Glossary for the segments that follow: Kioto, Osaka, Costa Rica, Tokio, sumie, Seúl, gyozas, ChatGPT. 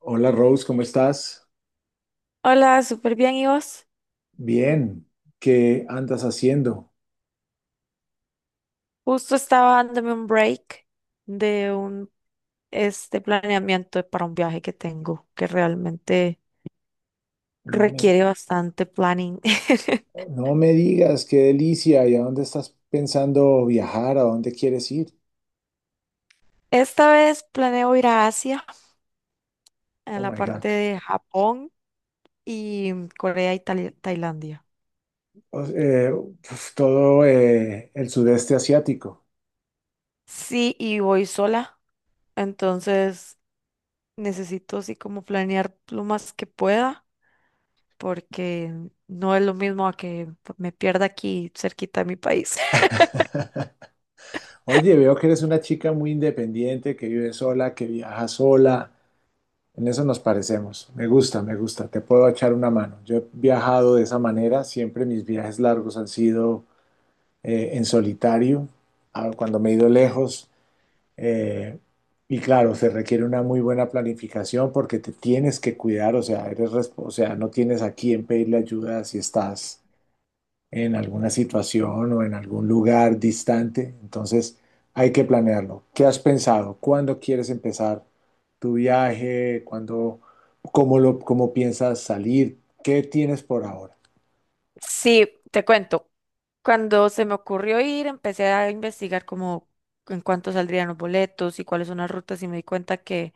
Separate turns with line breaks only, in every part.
Hola Rose, ¿cómo estás?
Hola, súper bien, ¿y vos?
Bien, ¿qué andas haciendo?
Justo estaba dándome un break de un planeamiento para un viaje que tengo, que realmente
No me,
requiere bastante planning.
no me digas, qué delicia, ¿y a dónde estás pensando viajar? ¿A dónde quieres ir?
Esta vez planeo ir a Asia, a
Oh
la
my God.
parte de Japón y Corea y Tailandia.
Uf, todo el sudeste asiático.
Sí, y voy sola, entonces necesito así como planear lo más que pueda, porque no es lo mismo a que me pierda aquí cerquita de mi país.
Oye, veo que eres una chica muy independiente, que vive sola, que viaja sola. En eso nos parecemos. Me gusta, me gusta. Te puedo echar una mano. Yo he viajado de esa manera. Siempre mis viajes largos han sido en solitario, cuando me he ido lejos. eh, y claro, se requiere una muy buena planificación porque te tienes que cuidar, o sea, eres, o sea, no tienes a quién pedirle ayuda si estás en alguna situación o en algún lugar distante. Entonces, hay que planearlo. ¿Qué has pensado? ¿Cuándo quieres empezar tu viaje? ¿Cuándo, cómo lo, cómo piensas salir? ¿Qué tienes por ahora?
Sí, te cuento. Cuando se me ocurrió ir, empecé a investigar como en cuánto saldrían los boletos y cuáles son las rutas y me di cuenta que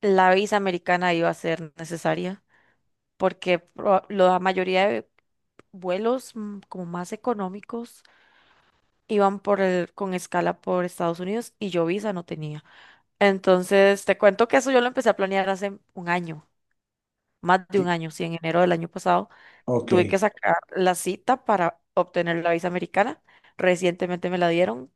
la visa americana iba a ser necesaria porque la mayoría de vuelos como más económicos iban con escala por Estados Unidos y yo visa no tenía. Entonces, te cuento que eso yo lo empecé a planear hace un año, más de un
¿Qué-
año, sí, en enero del año pasado.
Ok.
Tuve que sacar la cita para obtener la visa americana. Recientemente me la dieron,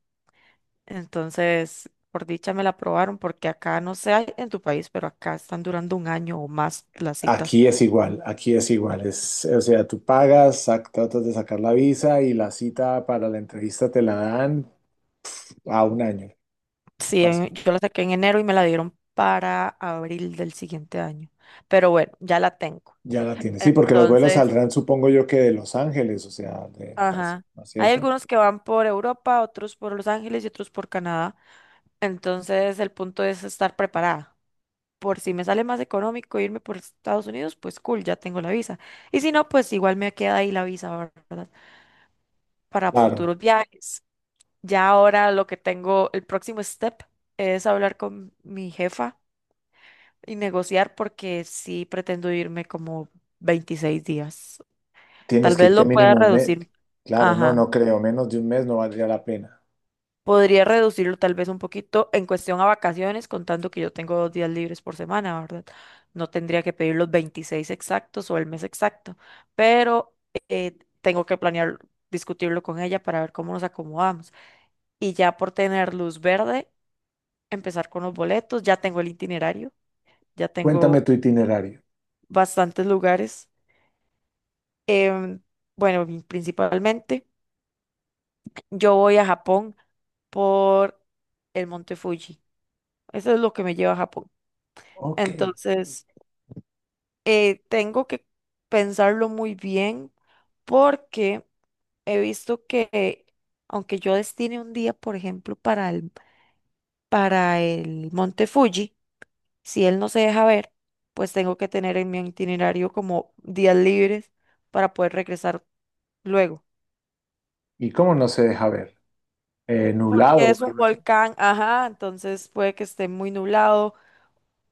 entonces por dicha me la aprobaron porque acá no sé hay en tu país, pero acá están durando un año o más las citas.
Aquí es igual, aquí es igual. Es, o sea, tú pagas, tratas de sacar la visa y la cita para la entrevista te la dan a un año.
Sí, en-
Así,
yo la saqué en enero y me la dieron para abril del siguiente año. Pero bueno, ya la tengo.
ya la tienes. Sí, porque los vuelos
Entonces,
saldrán, supongo yo, que de Los Ángeles, o sea, del Paso,
ajá.
¿no es
Hay
cierto?
algunos que van por Europa, otros por Los Ángeles y otros por Canadá. Entonces, el punto es estar preparada, por si me sale más económico irme por Estados Unidos, pues cool, ya tengo la visa. Y si no, pues igual me queda ahí la visa, ¿verdad? Para
Claro,
futuros viajes. Ya ahora lo que tengo, el próximo step es hablar con mi jefa y negociar porque sí pretendo irme como 26 días.
tienes
Tal
que
vez
irte
lo pueda
mínimo un mes.
reducir.
Claro, no, no
Ajá.
creo, menos de un mes no valdría la pena.
Podría reducirlo tal vez un poquito en cuestión a vacaciones, contando que yo tengo 2 días libres por semana, ¿verdad? No tendría que pedir los 26 exactos o el mes exacto, pero tengo que planear, discutirlo con ella para ver cómo nos acomodamos. Y ya por tener luz verde, empezar con los boletos, ya tengo el itinerario, ya
Cuéntame
tengo
tu itinerario.
bastantes lugares. Em, bueno, principalmente yo voy a Japón por el Monte Fuji. Eso es lo que me lleva a Japón.
Ok.
Entonces, tengo que pensarlo muy bien porque he visto que aunque yo destine un día, por ejemplo, para el Monte Fuji, si él no se deja ver, pues tengo que tener en mi itinerario como días libres para poder regresar luego.
¿Y cómo no se deja ver? Nublado
Que
o algo.
es un volcán, ajá, entonces puede que esté muy nublado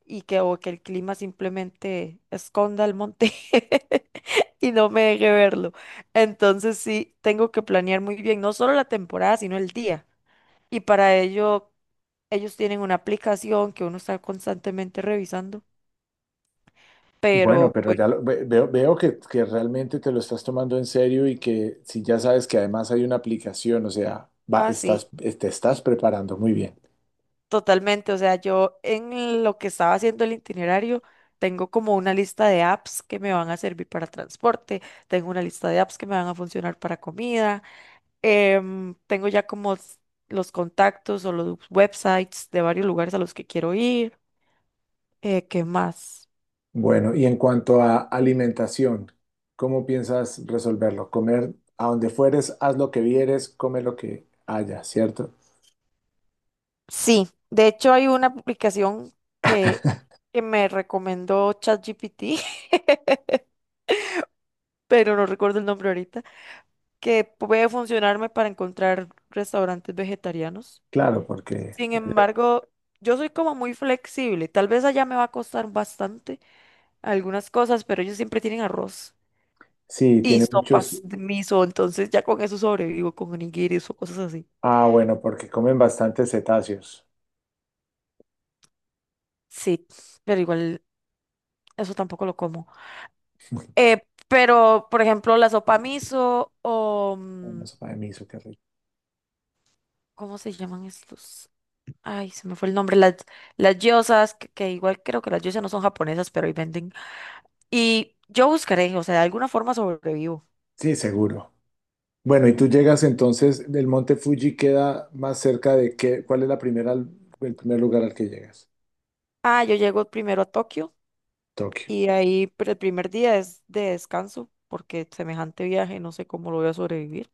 y que, o que el clima simplemente esconda el monte y no me deje verlo. Entonces sí, tengo que planear muy bien, no solo la temporada, sino el día. Y para ello, ellos tienen una aplicación que uno está constantemente revisando,
Bueno,
pero
pero
pues
ya veo que realmente te lo estás tomando en serio y que si ya sabes que además hay una aplicación, o sea, va, estás,
así,
te estás preparando muy bien.
totalmente. O sea, yo en lo que estaba haciendo el itinerario, tengo como una lista de apps que me van a servir para transporte, tengo una lista de apps que me van a funcionar para comida. Tengo ya como los contactos o los websites de varios lugares a los que quiero ir. ¿Qué más?
Bueno, y en cuanto a alimentación, ¿cómo piensas resolverlo? Comer a donde fueres, haz lo que vieres, come lo que haya, ¿cierto?
Sí, de hecho hay una aplicación que, que me recomendó ChatGPT, pero no recuerdo el nombre ahorita, que puede funcionarme para encontrar restaurantes vegetarianos.
Claro, porque
Sin embargo, yo soy como muy flexible. Tal vez allá me va a costar bastante algunas cosas, pero ellos siempre tienen arroz
sí,
y
tiene muchos.
sopas de miso, entonces ya con eso sobrevivo, con onigiris o cosas así.
Ah, bueno, porque comen bastantes cetáceos.
Sí, pero igual eso tampoco lo como. Pero, por ejemplo, la sopa miso o
Una sopa de miso, qué rico.
¿cómo se llaman estos? Ay, se me fue el nombre. Las gyozas, que igual creo que las gyozas no son japonesas, pero ahí venden. Y yo buscaré, o sea, de alguna forma sobrevivo.
Sí, seguro. Bueno, y tú llegas entonces, del monte Fuji queda más cerca de qué, ¿cuál es la primera, el primer lugar al que llegas?
Ah, yo llego primero a Tokio
Tokio.
y ahí pero el primer día es de descanso porque semejante viaje no sé cómo lo voy a sobrevivir.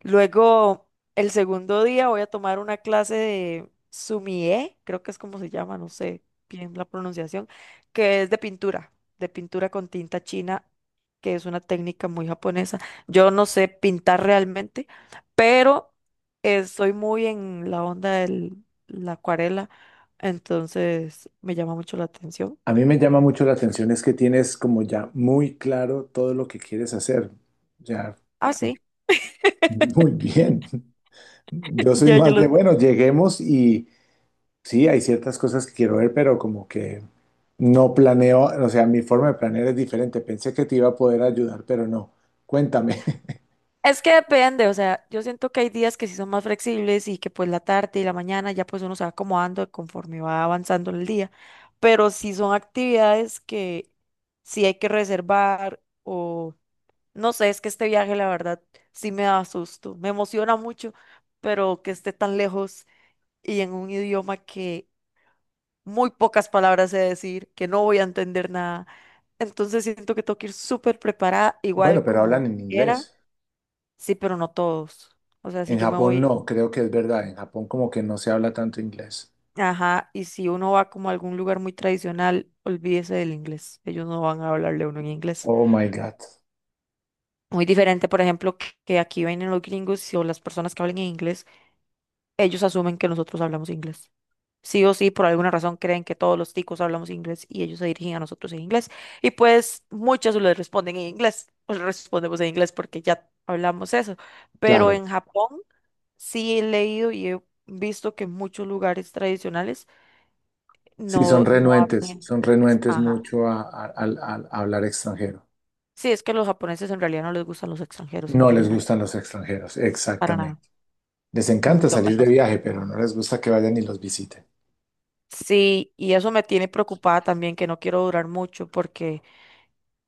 Luego, el segundo día voy a tomar una clase de sumie, creo que es como se llama, no sé bien la pronunciación, que es de pintura con tinta china, que es una técnica muy japonesa. Yo no sé pintar realmente, pero estoy muy en la onda de la acuarela, entonces me llama mucho la atención.
A mí me llama mucho la atención es que tienes como ya muy claro todo lo que quieres hacer. Ya,
Ah, sí,
muy bien. Yo soy
ya yo
más
lo.
de, bueno, lleguemos y, sí, hay ciertas cosas que quiero ver, pero como que no planeo, o sea, mi forma de planear es diferente. Pensé que te iba a poder ayudar, pero no. Cuéntame.
Es que depende, o sea, yo siento que hay días que sí son más flexibles y que pues la tarde y la mañana ya pues uno se va acomodando conforme va avanzando el día, pero sí son actividades que sí hay que reservar o no sé, es que este viaje la verdad sí me da susto, me emociona mucho, pero que esté tan lejos y en un idioma que muy pocas palabras sé decir, que no voy a entender nada, entonces siento que tengo que ir súper preparada,
Bueno,
igual
pero
como
hablan en
quiera.
inglés.
Sí, pero no todos. O sea, si
En
yo me
Japón
voy,
no, creo que es verdad. En Japón como que no se habla tanto inglés.
ajá, y si uno va como a algún lugar muy tradicional, olvídese del inglés. Ellos no van a hablarle a uno en inglés.
Oh my God.
Muy diferente, por ejemplo, que aquí vienen los gringos y- o las personas que hablan en inglés, ellos asumen que nosotros hablamos inglés. Sí o sí, por alguna razón creen que todos los ticos hablamos inglés y ellos se dirigen a nosotros en inglés. Y pues muchos les responden en inglés, o les respondemos en inglés porque ya hablamos eso. Pero
Claro.
en Japón sí he leído y he visto que en muchos lugares tradicionales
Sí,
no hablan en
son
inglés.
renuentes
Ajá.
mucho al hablar extranjero.
Sí, es que los japoneses en realidad no les gustan los extranjeros
No
en
les
general,
gustan los extranjeros,
para nada,
exactamente. Les encanta
mucho
salir de
menos.
viaje, pero no les gusta que vayan y los visiten.
Sí, y eso me tiene preocupada también, que no quiero durar mucho porque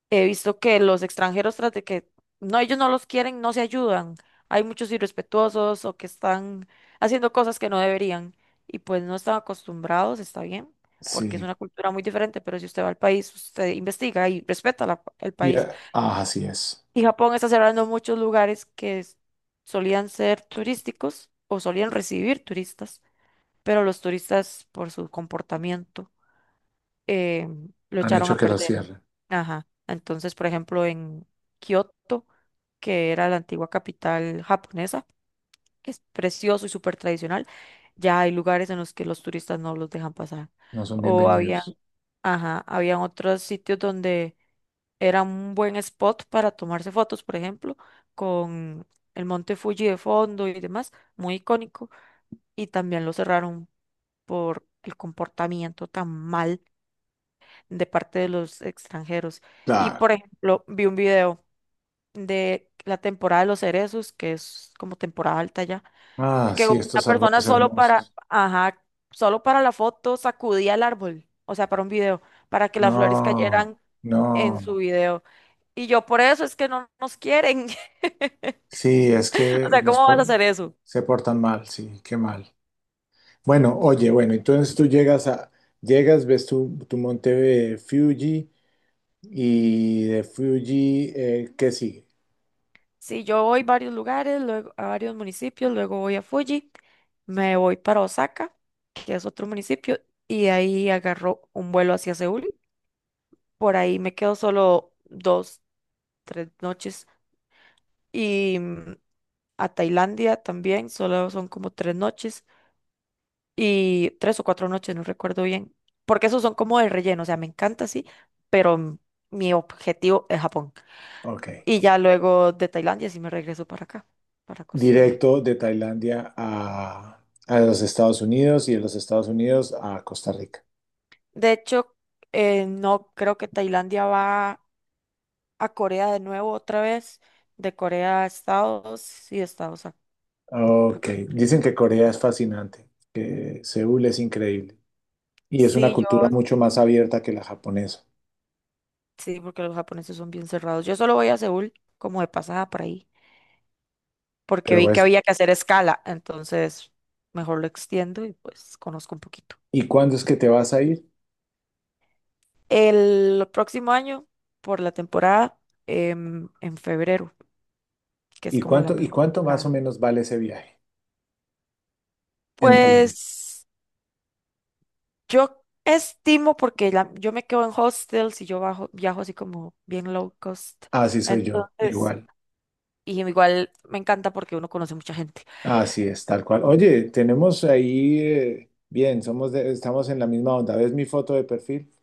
he visto que los extranjeros, tras de que no, ellos no los quieren, no se ayudan. Hay muchos irrespetuosos o que están haciendo cosas que no deberían y pues no están acostumbrados, está bien, porque es
Sí.
una cultura muy diferente, pero si usted va al país, usted investiga y respeta el país.
Yeah. Ah, así es.
Y Japón está cerrando muchos lugares que solían ser turísticos o solían recibir turistas, pero los turistas por su comportamiento eh, lo
Han
echaron
hecho
a
que lo
perder.
cierren.
Ajá. Entonces, por ejemplo, en Kioto, que era la antigua capital japonesa, que es precioso y súper tradicional, ya hay lugares en los que los turistas no los dejan pasar.
No son
O habían,
bienvenidos.
ajá, habían otros sitios donde era un buen spot para tomarse fotos, por ejemplo, con el monte Fuji de fondo y demás, muy icónico, y también lo cerraron por el comportamiento tan mal de parte de los extranjeros. Y,
Claro.
por ejemplo, vi un video de la temporada de los cerezos, que es como temporada alta ya,
Ah,
que
sí,
una
estos
persona
árboles
solo para,
hermosos.
ajá, solo para la foto sacudía el árbol, o sea, para un video, para que las flores
No,
cayeran en su
no.
video. Y yo por eso es que no nos quieren.
Sí, es
O
que
sea, ¿cómo vas a hacer eso?
se portan mal, sí, qué mal. Bueno, oye, bueno, entonces tú llegas, ves tu monte Fuji y de Fuji, ¿qué sigue?
Si yo voy a varios lugares, luego a varios municipios, luego voy a Fuji, me voy para Osaka, que es otro municipio, y de ahí agarro un vuelo hacia Seúl. Por ahí me quedo solo dos, 3 noches y a Tailandia también, solo son como 3 noches y 3 o 4 noches, no recuerdo bien, porque esos son como de relleno, o sea, me encanta, sí, pero mi objetivo es Japón.
Ok.
Y ya luego de Tailandia sí me regreso para acá, para Costa Rica.
Directo de Tailandia a los Estados Unidos y de los Estados Unidos a Costa Rica.
De hecho, no creo que Tailandia va a Corea de nuevo otra vez, de Corea a Estados y de Estados a
Ok,
Costa
dicen
Rica.
que Corea es fascinante, que Seúl es increíble y es una
Sí, yo,
cultura mucho más abierta que la japonesa.
sí, porque los japoneses son bien cerrados. Yo solo voy a Seúl como de pasada por ahí porque
Pero
vi que
pues,
había que hacer escala, entonces mejor lo extiendo y pues conozco un poquito.
¿y cuándo es que te vas a ir?
El próximo año, por la temporada, en febrero, que es
¿Y
como la
cuánto, y
mejor
cuánto más o
temporada.
menos vale ese viaje en dólares?
Pues yo estimo, porque yo me quedo en hostels y yo bajo, viajo así como bien low cost,
Así soy yo,
entonces,
igual.
y igual me encanta porque uno conoce mucha gente.
Así es, tal cual. Oye, tenemos ahí, bien, estamos en la misma onda. ¿Ves mi foto de perfil?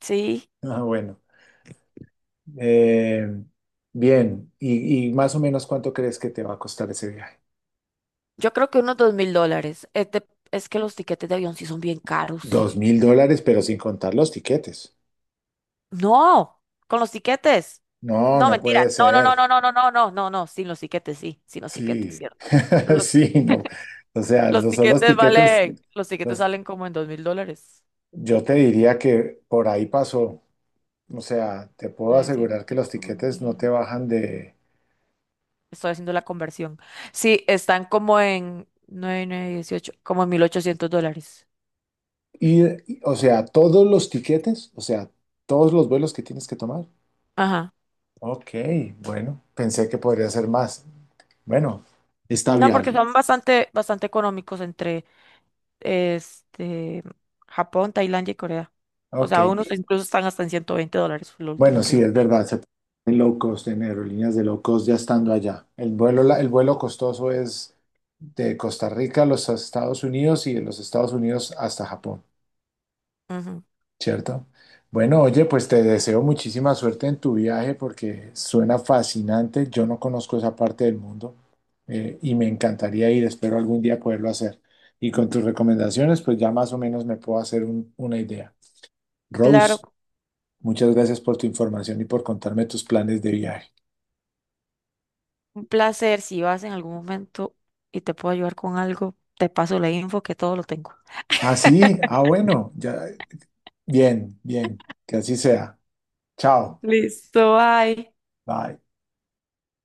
Sí,
Ah, bueno. Eh, Bien. ¿Y más o menos cuánto crees que te va a costar ese viaje?
yo creo que unos 2.000 dólares. Es que los tiquetes de avión sí son bien caros.
$2,000, pero sin contar los tiquetes.
No, con los tiquetes.
No,
No,
no
mentira.
puede
No, no, no,
ser.
no, no, no, no, no, no, no, sin los tiquetes, sí, sin los tiquetes,
Sí,
cierto. Lo-
sí, no. O sea,
Los
son los
tiquetes
tiquetes,
valen, los tiquetes
los-
salen como en 2.000 dólares.
yo te diría que por ahí pasó. O sea, te puedo asegurar que los
900 un
tiquetes no te
mil.
bajan de
Estoy haciendo la conversión. Sí, están como en 9 9, 18, como en 1.800 dólares.
ir, o sea, todos los tiquetes, o sea, todos los vuelos que tienes que tomar.
Ajá.
Ok, bueno, pensé que podría ser más. Bueno, está
No, porque
viable.
son bastante, bastante económicos entre este Japón, Tailandia y Corea. O
Ok,
sea, unos incluso están hasta en 120 dólares, fue lo último
bueno,
que
sí,
vi.
es verdad, se pueden low cost en aerolíneas de low cost ya estando allá. El vuelo costoso es de Costa Rica a los Estados Unidos y de los Estados Unidos hasta Japón,
Ujú.
¿cierto? Bueno, oye, pues te deseo muchísima suerte en tu viaje porque suena fascinante. Yo no conozco esa parte del mundo y me encantaría ir, espero algún día poderlo hacer. Y con tus recomendaciones, pues ya más o menos me puedo hacer una idea.
Claro,
Rose, muchas gracias por tu información y por contarme tus planes de viaje.
un placer. Si vas en algún momento y te puedo ayudar con algo, te paso la info que todo lo tengo.
Ah, sí, ah, bueno, ya, bien, bien, que así sea. Chao,
Listo, bye.
bye.